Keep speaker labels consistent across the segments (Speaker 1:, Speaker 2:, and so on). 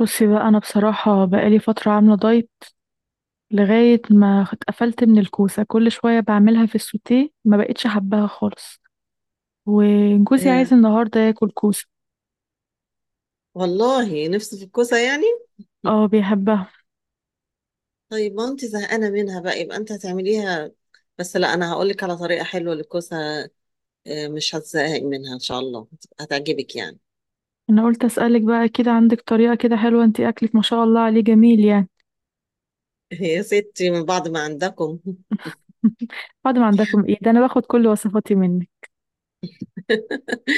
Speaker 1: بصي بقى، انا بصراحه بقالي فتره عامله دايت. لغايه ما اتقفلت من الكوسه، كل شويه بعملها في السوتيه، ما بقتش حباها خالص. وجوزي
Speaker 2: آه،
Speaker 1: عايز النهارده ياكل كوسه.
Speaker 2: والله نفسي في الكوسة يعني.
Speaker 1: اه، بيحبها.
Speaker 2: طيب ما انت زهقانة منها بقى، يبقى انت هتعمليها. بس لا، انا هقول لك على طريقة حلوة للكوسة، آه، مش هتزهقي منها ان شاء الله، هتعجبك يعني.
Speaker 1: انا قلت اسالك بقى كده، عندك طريقه كده حلوه؟ انت اكلك ما شاء الله عليه جميل يعني.
Speaker 2: يا ستي من بعد ما عندكم.
Speaker 1: بعد ما عندكم ايه ده، انا باخد كل وصفاتي منك.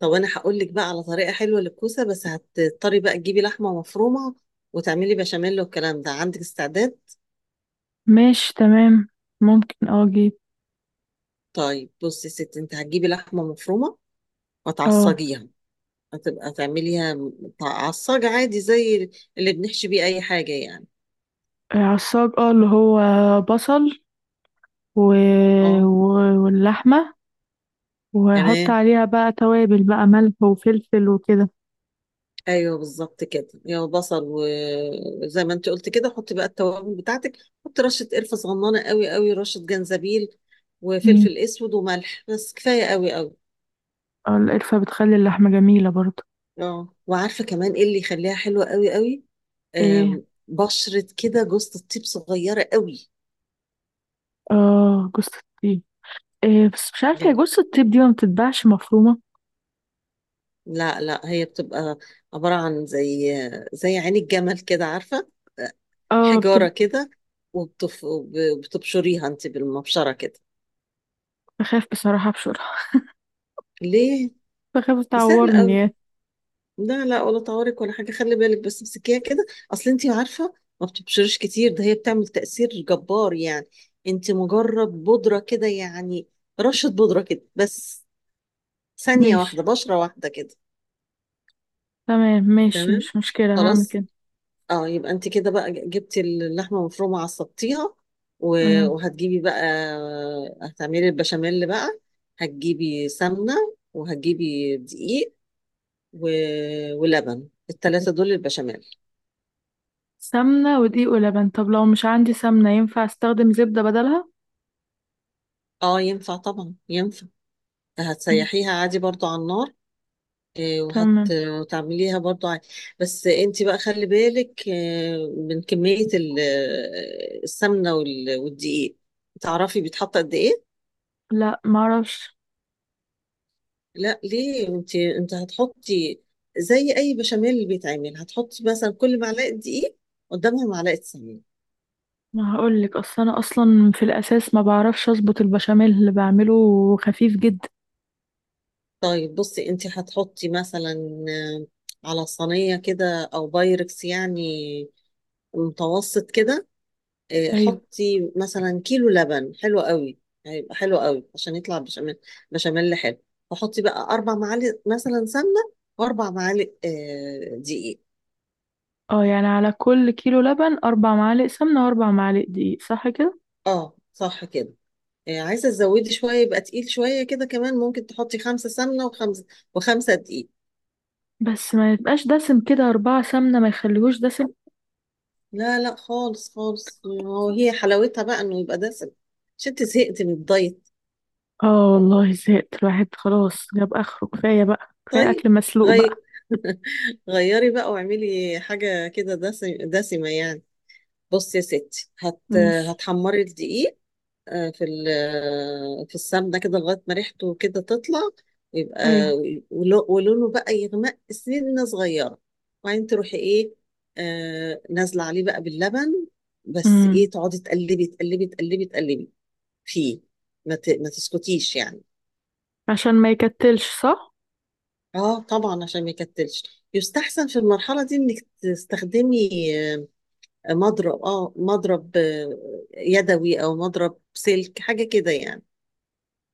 Speaker 2: طب انا هقول لك بقى على طريقة حلوة للكوسة، بس هتضطري بقى تجيبي لحمة مفرومة وتعملي بشاميل والكلام ده، عندك استعداد؟
Speaker 1: ماشي، تمام. ممكن اجيب.
Speaker 2: طيب بصي يا ستي، انت هتجيبي لحمة مفرومة
Speaker 1: اه.
Speaker 2: وتعصجيها، هتبقى تعمليها عصاج عادي زي اللي بنحشي بيه اي حاجة يعني.
Speaker 1: عصاج اه اللي هو بصل و...
Speaker 2: اه،
Speaker 1: و... واللحمه. وهحط
Speaker 2: تمام.
Speaker 1: عليها بقى توابل بقى، ملح وفلفل وكده.
Speaker 2: ايوه بالظبط كده، يا بصل و- وزي ما انت قلت كده، حطي بقى التوابل بتاعتك، حطي رشة قرفة صغننة قوي قوي، رشة جنزبيل
Speaker 1: مم.
Speaker 2: وفلفل اسود وملح، بس كفاية قوي قوي.
Speaker 1: آه، القرفة بتخلي اللحمة جميلة برضه.
Speaker 2: اه، وعارفة كمان ايه اللي يخليها حلوة قوي قوي؟
Speaker 1: ايه.
Speaker 2: بشرة كده جوزة الطيب صغيرة قوي
Speaker 1: اه، جوز الطيب. إيه بس مش عارفة، هي
Speaker 2: جدا.
Speaker 1: جوز الطيب دي ما بتتباعش مفرومة.
Speaker 2: لا هي بتبقى عبارة عن زي، زي عين الجمل كده عارفة،
Speaker 1: اه.
Speaker 2: حجارة كده، وبتف... وبتبشريها انت بالمبشرة كده.
Speaker 1: بخاف بصراحة ابشرها.
Speaker 2: ليه؟
Speaker 1: بخاف
Speaker 2: دي سهلة
Speaker 1: تعورني
Speaker 2: قوي،
Speaker 1: يعني.
Speaker 2: لا ولا طوارئ ولا حاجة، خلي بالك بس امسكيها كده. اصل انت عارفة، ما بتبشرش كتير ده، هي بتعمل تأثير جبار يعني، انت مجرد بودرة كده يعني، رشة بودرة كده بس، ثانية
Speaker 1: ماشي،
Speaker 2: واحدة بشرة واحدة كده.
Speaker 1: تمام. ماشي،
Speaker 2: تمام،
Speaker 1: مش مشكلة، هعمل
Speaker 2: خلاص.
Speaker 1: كده.
Speaker 2: اه، يبقى انت كده بقى جبتي اللحمه المفرومه عصبتيها، و-
Speaker 1: مم.
Speaker 2: وهتجيبي بقى، هتعملي البشاميل بقى، هتجيبي سمنه وهتجيبي دقيق و... ولبن، الثلاثه دول البشاميل.
Speaker 1: سمنة ودقيق ولبن. طب لو مش عندي سمنة، ينفع استخدم زبدة بدلها؟
Speaker 2: اه ينفع، طبعا ينفع،
Speaker 1: مم.
Speaker 2: هتسيحيها عادي برضو على النار. آه، وهت-
Speaker 1: تمام.
Speaker 2: وتعمليها برضو عادي، بس انت بقى خلي بالك من كميه السمنه وال- والدقيق تعرفي بيتحط قد ايه؟
Speaker 1: لا، معرفش.
Speaker 2: لا ليه، انت هتحطي زي اي بشاميل اللي بيتعمل، هتحطي مثلا كل معلقه دقيق قدامها معلقه سمنه.
Speaker 1: ما هقول لك، اصل انا اصلا في الاساس ما بعرفش اظبط البشاميل اللي بعمله. خفيف جدا.
Speaker 2: طيب بصي، انت هتحطي مثلا على صينيه كده او بايركس يعني، متوسط كده،
Speaker 1: ايوه.
Speaker 2: حطي مثلا كيلو لبن حلو قوي، هيبقى حلو قوي عشان يطلع بشاميل، بشاميل حلو. وحطي بقى اربع معالق مثلا سمنه، واربع معالق دقيق.
Speaker 1: اه، يعني على كل كيلو لبن اربع معالق سمنه واربع معالق دقيق، صح كده؟
Speaker 2: اه صح كده، عايزة تزودي شوية يبقى تقيل شوية كده، كمان ممكن تحطي خمسة سمنة وخمسة، وخمسة دقيق.
Speaker 1: بس ما يبقاش دسم كده، اربعه سمنه ما يخليهوش دسم.
Speaker 2: لا لا خالص خالص، هو هي حلاوتها بقى انه يبقى دسم، مش انت زهقتي من الدايت؟
Speaker 1: اه والله زهقت، الواحد خلاص جاب اخره، كفايه بقى، كفايه
Speaker 2: طيب
Speaker 1: اكل مسلوق
Speaker 2: غي...
Speaker 1: بقى.
Speaker 2: غيري بقى واعملي حاجة كده دسمة يعني. بصي يا ستي
Speaker 1: ماشي.
Speaker 2: هتحمري الدقيق آه، في ال- آه، في السمنة كده، لغاية ما ريحته كده تطلع، يبقى
Speaker 1: ايوه.
Speaker 2: ولو- ولونه بقى يغمق سنة صغيرة، وبعدين تروحي ايه، نازلة عليه بقى باللبن، بس
Speaker 1: امم.
Speaker 2: ايه، تقعدي تقلبي تقلبي تقلبي تقلبي فيه، ما تسكتيش يعني.
Speaker 1: عشان ما يكتلش، صح.
Speaker 2: اه طبعا، عشان ما يكتلش، يستحسن في المرحلة دي انك تستخدمي آه، مضرب، اه مضرب يدوي، او مضرب سلك حاجة كده يعني.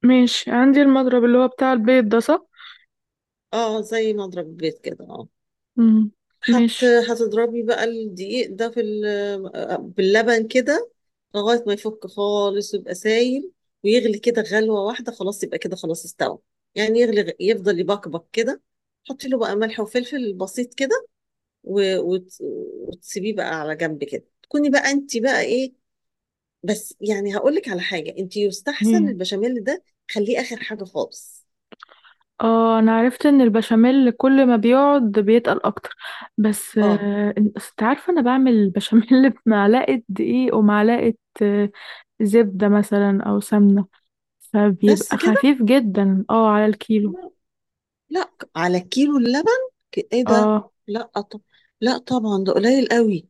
Speaker 1: ماشي، عندي المضرب اللي هو بتاع البيض ده، صح؟
Speaker 2: اه، زي مضرب بيت كده، اه.
Speaker 1: امم. ماشي.
Speaker 2: هتضربي بقى الدقيق ده باللبن كده، لغاية ما يفك خالص ويبقى سايل، ويغلي كده غلوة واحدة، خلاص يبقى كده خلاص استوى، يعني يغلي، يفضل يبقبق كده، حطي له بقى ملح وفلفل بسيط كده، و... وت... وتسيبيه بقى على جنب كده، تكوني بقى انت بقى ايه، بس يعني هقول لك على حاجة، انت يستحسن البشاميل ده خليه آخر حاجة خالص.
Speaker 1: اه، انا عرفت ان البشاميل كل ما بيقعد بيتقل اكتر. بس
Speaker 2: اه.
Speaker 1: انت عارفه، انا بعمل البشاميل بمعلقه دقيق ومعلقه آه، زبده مثلا او سمنه.
Speaker 2: بس
Speaker 1: فبيبقى
Speaker 2: كده،
Speaker 1: خفيف جدا على الكيلو.
Speaker 2: لا على كيلو اللبن؟ ايه ده،
Speaker 1: اه،
Speaker 2: لا طب، لا طبعا ده قليل قوي،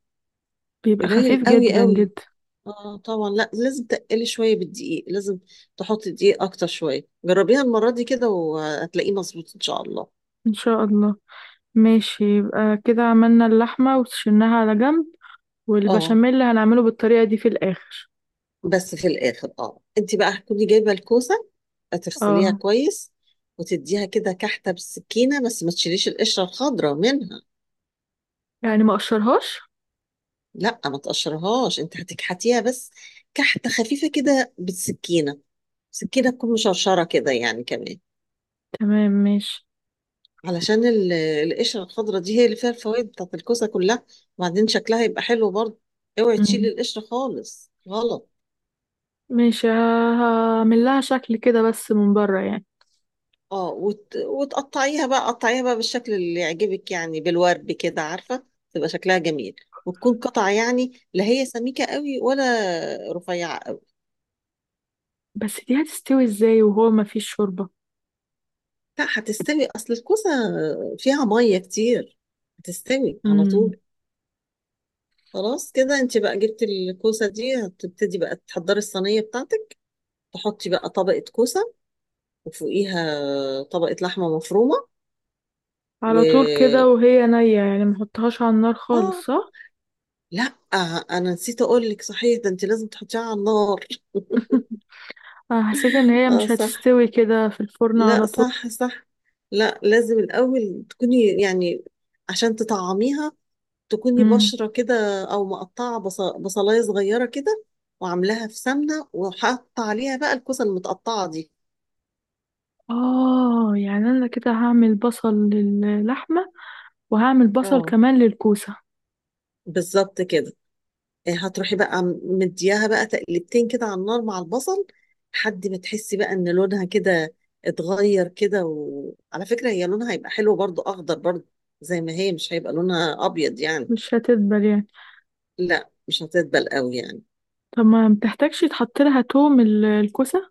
Speaker 1: بيبقى
Speaker 2: قليل
Speaker 1: خفيف
Speaker 2: قوي
Speaker 1: جدا
Speaker 2: قوي.
Speaker 1: جدا.
Speaker 2: اه طبعا، لا لازم تقلي شويه بالدقيق، لازم تحطي دقيق اكتر شويه، جربيها المره دي كده وهتلاقيه مظبوط ان شاء الله.
Speaker 1: ان شاء الله. ماشي، يبقى كده عملنا اللحمه وشلناها على جنب.
Speaker 2: اه
Speaker 1: والبشاميل اللي هنعمله بالطريقه دي في الاخر.
Speaker 2: بس في الاخر، اه انت بقى هتكوني جايبه الكوسه، هتغسليها
Speaker 1: اه.
Speaker 2: كويس، وتديها كده كحته بالسكينه، بس ما تشيليش القشره الخضراء منها.
Speaker 1: يعني ما اقشرهاش.
Speaker 2: لا ما تقشرهاش، انت هتكحتيها بس، كحته خفيفه كده بالسكينه، سكينة تكون مشرشرة كده يعني كمان.
Speaker 1: تمام، ماشي.
Speaker 2: علشان القشرة الخضراء دي هي اللي فيها الفوائد بتاعت الكوسة كلها، وبعدين شكلها يبقى حلو برضه، اوعي تشيل
Speaker 1: مم.
Speaker 2: القشرة خالص، غلط.
Speaker 1: مش ه- هعمل لها شكل كده بس من بره يعني.
Speaker 2: اه وتقطعيها بقى، قطعيها بقى بالشكل اللي يعجبك يعني، بالورد كده عارفة، تبقى شكلها جميل، وتكون قطع يعني، لا هي سميكة قوي ولا رفيعة قوي.
Speaker 1: بس دي هتستوي ازاي وهو ما فيش شوربة؟
Speaker 2: لا هتستوي، اصل الكوسة فيها مية كتير، هتستوي على
Speaker 1: امم.
Speaker 2: طول. خلاص كده انت بقى جبت الكوسة دي، هتبتدي بقى تحضري الصينية بتاعتك، تحطي بقى طبقة كوسة، وفوقيها طبقة لحمة مفرومة،
Speaker 1: على طول كده
Speaker 2: و
Speaker 1: وهي نية؟ يعني ما احطهاش على النار
Speaker 2: اه،
Speaker 1: خالص، صح؟
Speaker 2: لا انا نسيت اقول لك صحيح ده، انت لازم تحطيها على النار.
Speaker 1: انا حسيت ان هي
Speaker 2: اه
Speaker 1: مش
Speaker 2: صح،
Speaker 1: هتستوي كده في الفرن على
Speaker 2: لا
Speaker 1: طول.
Speaker 2: صح صح لا لازم الاول تكوني يعني، عشان تطعميها، تكوني
Speaker 1: امم.
Speaker 2: بشرة كده، او مقطعة بصلاية صغيرة كده، وعاملاها في سمنة، وحاطة عليها بقى الكوسة المتقطعة دي.
Speaker 1: اه، يعني انا كده هعمل بصل للحمة، وهعمل بصل
Speaker 2: اه
Speaker 1: كمان للكوسة.
Speaker 2: بالظبط كده. إيه، هتروحي بقى مدياها بقى تقلبتين كده على النار مع البصل، لحد ما تحسي بقى ان لونها كده اتغير كده، وعلى فكرة هي لونها هيبقى حلو برضو، اخضر برضو، زي ما هي، مش هيبقى لونها ابيض يعني.
Speaker 1: مش هتدبل يعني.
Speaker 2: لا مش هتدبل قوي يعني.
Speaker 1: طب ما بتحتاجش تحط لها توم، الكوسة؟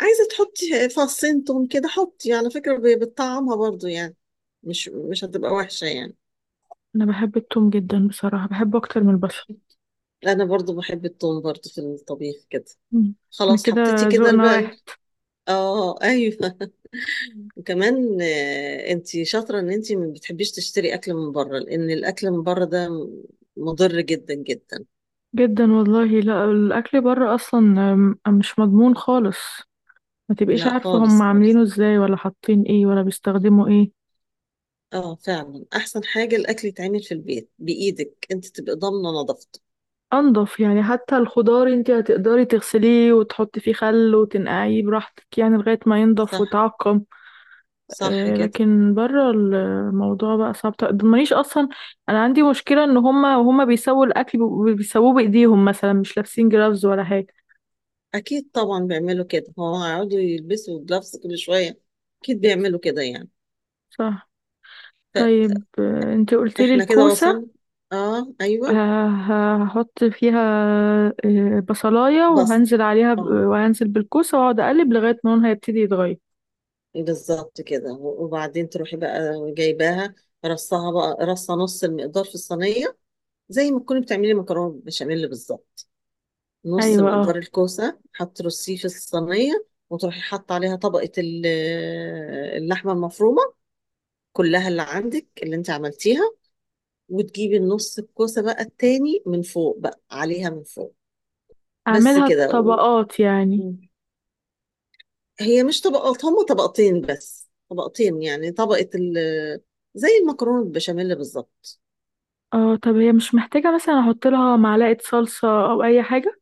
Speaker 2: عايزة تحطي فصين توم كده، حطي، على فكرة بتطعمها برضو يعني، مش هتبقى وحشة يعني.
Speaker 1: انا بحب التوم جدا بصراحة، بحبه اكتر من البصل.
Speaker 2: انا برضو بحب التوم برضو في الطبيخ كده.
Speaker 1: امم. انا
Speaker 2: خلاص
Speaker 1: كده،
Speaker 2: حطيتي كده
Speaker 1: ذوقنا واحد.
Speaker 2: البقل. اه ايوه. وكمان آه، انت شاطرة ان انت ما بتحبيش تشتري اكل من بره لان الاكل من بره ده مضر جدا جدا
Speaker 1: جدا والله. لا، الاكل بره اصلا مش مضمون خالص. ما تبقيش
Speaker 2: لا
Speaker 1: عارفه هم
Speaker 2: خالص خالص
Speaker 1: عاملينه ازاي، ولا حاطين ايه، ولا بيستخدموا ايه.
Speaker 2: اه فعلا احسن حاجة الاكل يتعمل في البيت بايدك انت تبقى ضامنة نظافته
Speaker 1: انضف يعني، حتى الخضار انت هتقدري تغسليه وتحطي فيه خل وتنقعيه براحتك يعني لغايه ما ينضف
Speaker 2: صح
Speaker 1: ويتعقم.
Speaker 2: صح
Speaker 1: آه،
Speaker 2: كده
Speaker 1: لكن بره الموضوع بقى صعب. مانيش اصلا. انا عندي مشكله، ان هم بيسووا الاكل، بيسووه بايديهم مثلا، مش لابسين جرافز ولا حاجه.
Speaker 2: اكيد طبعا بيعملوا كده هو هيقعدوا يلبسوا جلافز كل شوية اكيد بيعملوا كده يعني
Speaker 1: صح. طيب انت قلت لي
Speaker 2: فاحنا كده
Speaker 1: الكوسه
Speaker 2: وصلنا اه ايوه
Speaker 1: هحط فيها بصلاية،
Speaker 2: بصل،
Speaker 1: وهنزل عليها
Speaker 2: اه
Speaker 1: وهنزل بالكوسة، واقعد اقلب لغاية ما لونها يبتدي يتغير.
Speaker 2: بالظبط كده، وبعدين تروحي بقى جايباها، رصها بقى رصة نص المقدار في الصينية، زي ما تكوني بتعملي مكرونة بشاميل بالظبط، نص
Speaker 1: ايوه.
Speaker 2: مقدار
Speaker 1: اه.
Speaker 2: الكوسة هترصيه في الصينية، وتروحي حاطة عليها طبقة اللحمة المفرومة كلها اللي عندك اللي انت عملتيها، وتجيبي النص الكوسة بقى التاني من فوق، بقى عليها من فوق. بس
Speaker 1: اعملها
Speaker 2: كده و...
Speaker 1: طبقات يعني.
Speaker 2: هي مش طبقات، هما طبقتين بس، طبقتين يعني، طبقة ال... زي المكرونة بالبشاميل بالظبط.
Speaker 1: اه. طب هي مش محتاجة مثلا احط لها معلقة صلصة او اي حاجة؟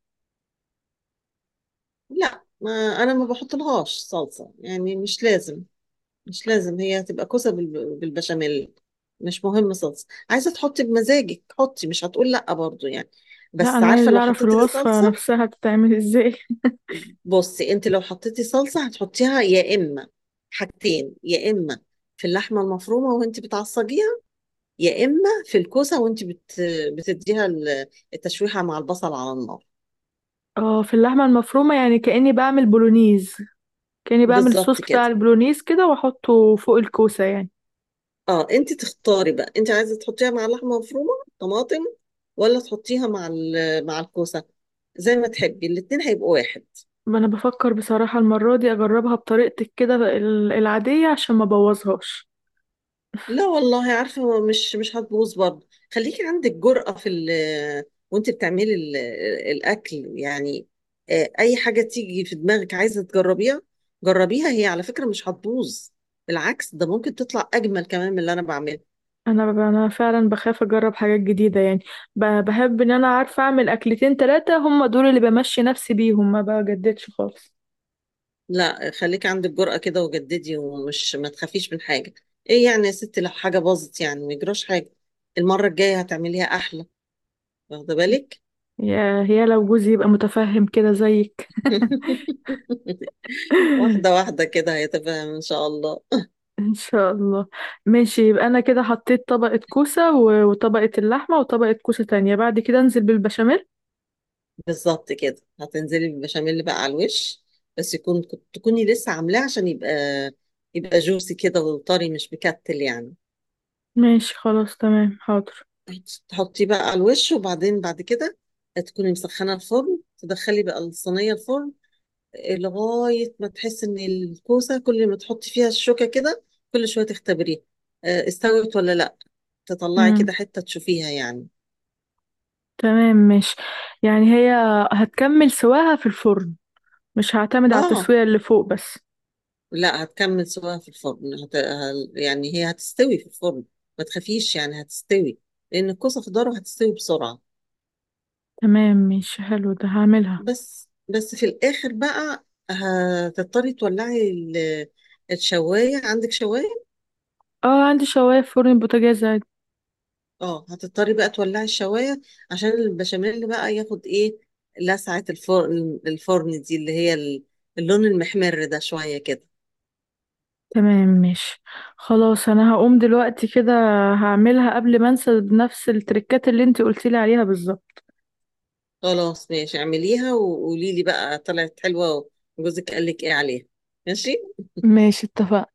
Speaker 2: لا ما، انا ما بحط لهاش صلصه يعني، مش لازم، مش لازم، هي هتبقى كوسه بالبشاميل، مش مهم صلصه، عايزه تحطي بمزاجك حطي، مش هتقول لا برضو يعني،
Speaker 1: لا،
Speaker 2: بس
Speaker 1: انا
Speaker 2: عارفه
Speaker 1: عايزة
Speaker 2: لو
Speaker 1: اعرف
Speaker 2: حطيتي
Speaker 1: الوصفة
Speaker 2: الصلصه.
Speaker 1: نفسها بتتعمل ازاي.
Speaker 2: بصي انت لو حطيتي صلصه، هتحطيها يا اما، حاجتين، يا اما في اللحمه المفرومه وانت بتعصجيها، يا اما في الكوسه وانت بتديها التشويحه مع البصل على النار.
Speaker 1: اه، في اللحمة المفرومة، يعني كأني بعمل بولونيز. كأني بعمل الصوص
Speaker 2: بالظبط
Speaker 1: بتاع
Speaker 2: كده،
Speaker 1: البولونيز كده واحطه فوق الكوسة يعني.
Speaker 2: اه، انت تختاري بقى، انت عايزه تحطيها مع اللحمه المفرومه طماطم، ولا تحطيها مع مع الكوسه، زي ما تحبي، الاتنين هيبقوا واحد.
Speaker 1: ما انا بفكر بصراحة المرة دي اجربها بطريقتك كده العادية عشان ما بوظهاش.
Speaker 2: لا والله عارفه، مش هتبوظ برضه، خليكي عندك جرأة في ال، وانت بتعملي الاكل يعني، اي حاجه تيجي في دماغك عايزه تجربيها جربيها، هي على فكره مش هتبوظ، بالعكس ده ممكن تطلع اجمل كمان من اللي انا بعمله.
Speaker 1: انا فعلا بخاف اجرب حاجات جديده يعني. بحب ان انا عارفه اعمل اكلتين ثلاثه، هم دول اللي بمشي نفسي بيهم، ما بجددش خالص.
Speaker 2: لا خليكي عندك جرأة كده وجددي، ما تخافيش من حاجة، ايه يعني يا ستي لو حاجة باظت يعني، ما يجراش حاجة، المرة الجاية هتعمليها أحلى، واخدة بالك.
Speaker 1: يا لو جوزي يبقى متفهم كده زيك.
Speaker 2: واحدة واحدة كده هيتفهم إن شاء الله.
Speaker 1: ان شاء الله. ماشي، يبقى انا كده حطيت طبقه كوسه وطبقه اللحمه وطبقه كوسه تانية، بعد كده انزل بالبشاميل.
Speaker 2: بالظبط كده، هتنزلي بالبشاميل بقى على الوش، بس يكون، تكوني لسه عاملاه، عشان يبقى، يبقى جوسي كده وطري، مش مكتل يعني،
Speaker 1: ماشي، خلاص، تمام، حاضر.
Speaker 2: تحطيه بقى على الوش، وبعدين بعد كده تكوني مسخنة الفرن، تدخلي بقى الصينية الفرن، لغاية ما تحس إن الكوسة كل ما تحطي فيها الشوكة كده، كل شوية تختبريها، استوت ولا لأ، تطلعي
Speaker 1: امم.
Speaker 2: كده حتة تشوفيها يعني.
Speaker 1: تمام، ماشي. يعني هي هتكمل سواها في الفرن، مش هعتمد على
Speaker 2: آه.
Speaker 1: التسويه اللي فوق بس.
Speaker 2: لا هتكمل سواها في الفرن، يعني هي هتستوي في الفرن، ما تخافيش يعني هتستوي، لأن الكوسة خضار هتستوي بسرعة.
Speaker 1: تمام، ماشي، حلو، ده هعملها.
Speaker 2: بس في الآخر بقى، هتضطري تولعي الشواية، عندك شواية.
Speaker 1: اه، عندي شواية في فرن البوتاجاز عادي.
Speaker 2: اه هتضطري بقى تولعي الشوايه، عشان البشاميل بقى ياخد ايه، لسعه الفرن، الفرن دي اللي هي اللون المحمر ده شويه كده.
Speaker 1: تمام، ماشي. خلاص انا هقوم دلوقتي كده، هعملها قبل ما انسى بنفس التركات اللي انت قلتيلي عليها بالظبط.
Speaker 2: خلاص ماشي، اعمليها وقولي لي بقى طلعت حلوه، وجوزك قال لك ايه عليها. ماشي.
Speaker 1: ماشي، اتفقنا.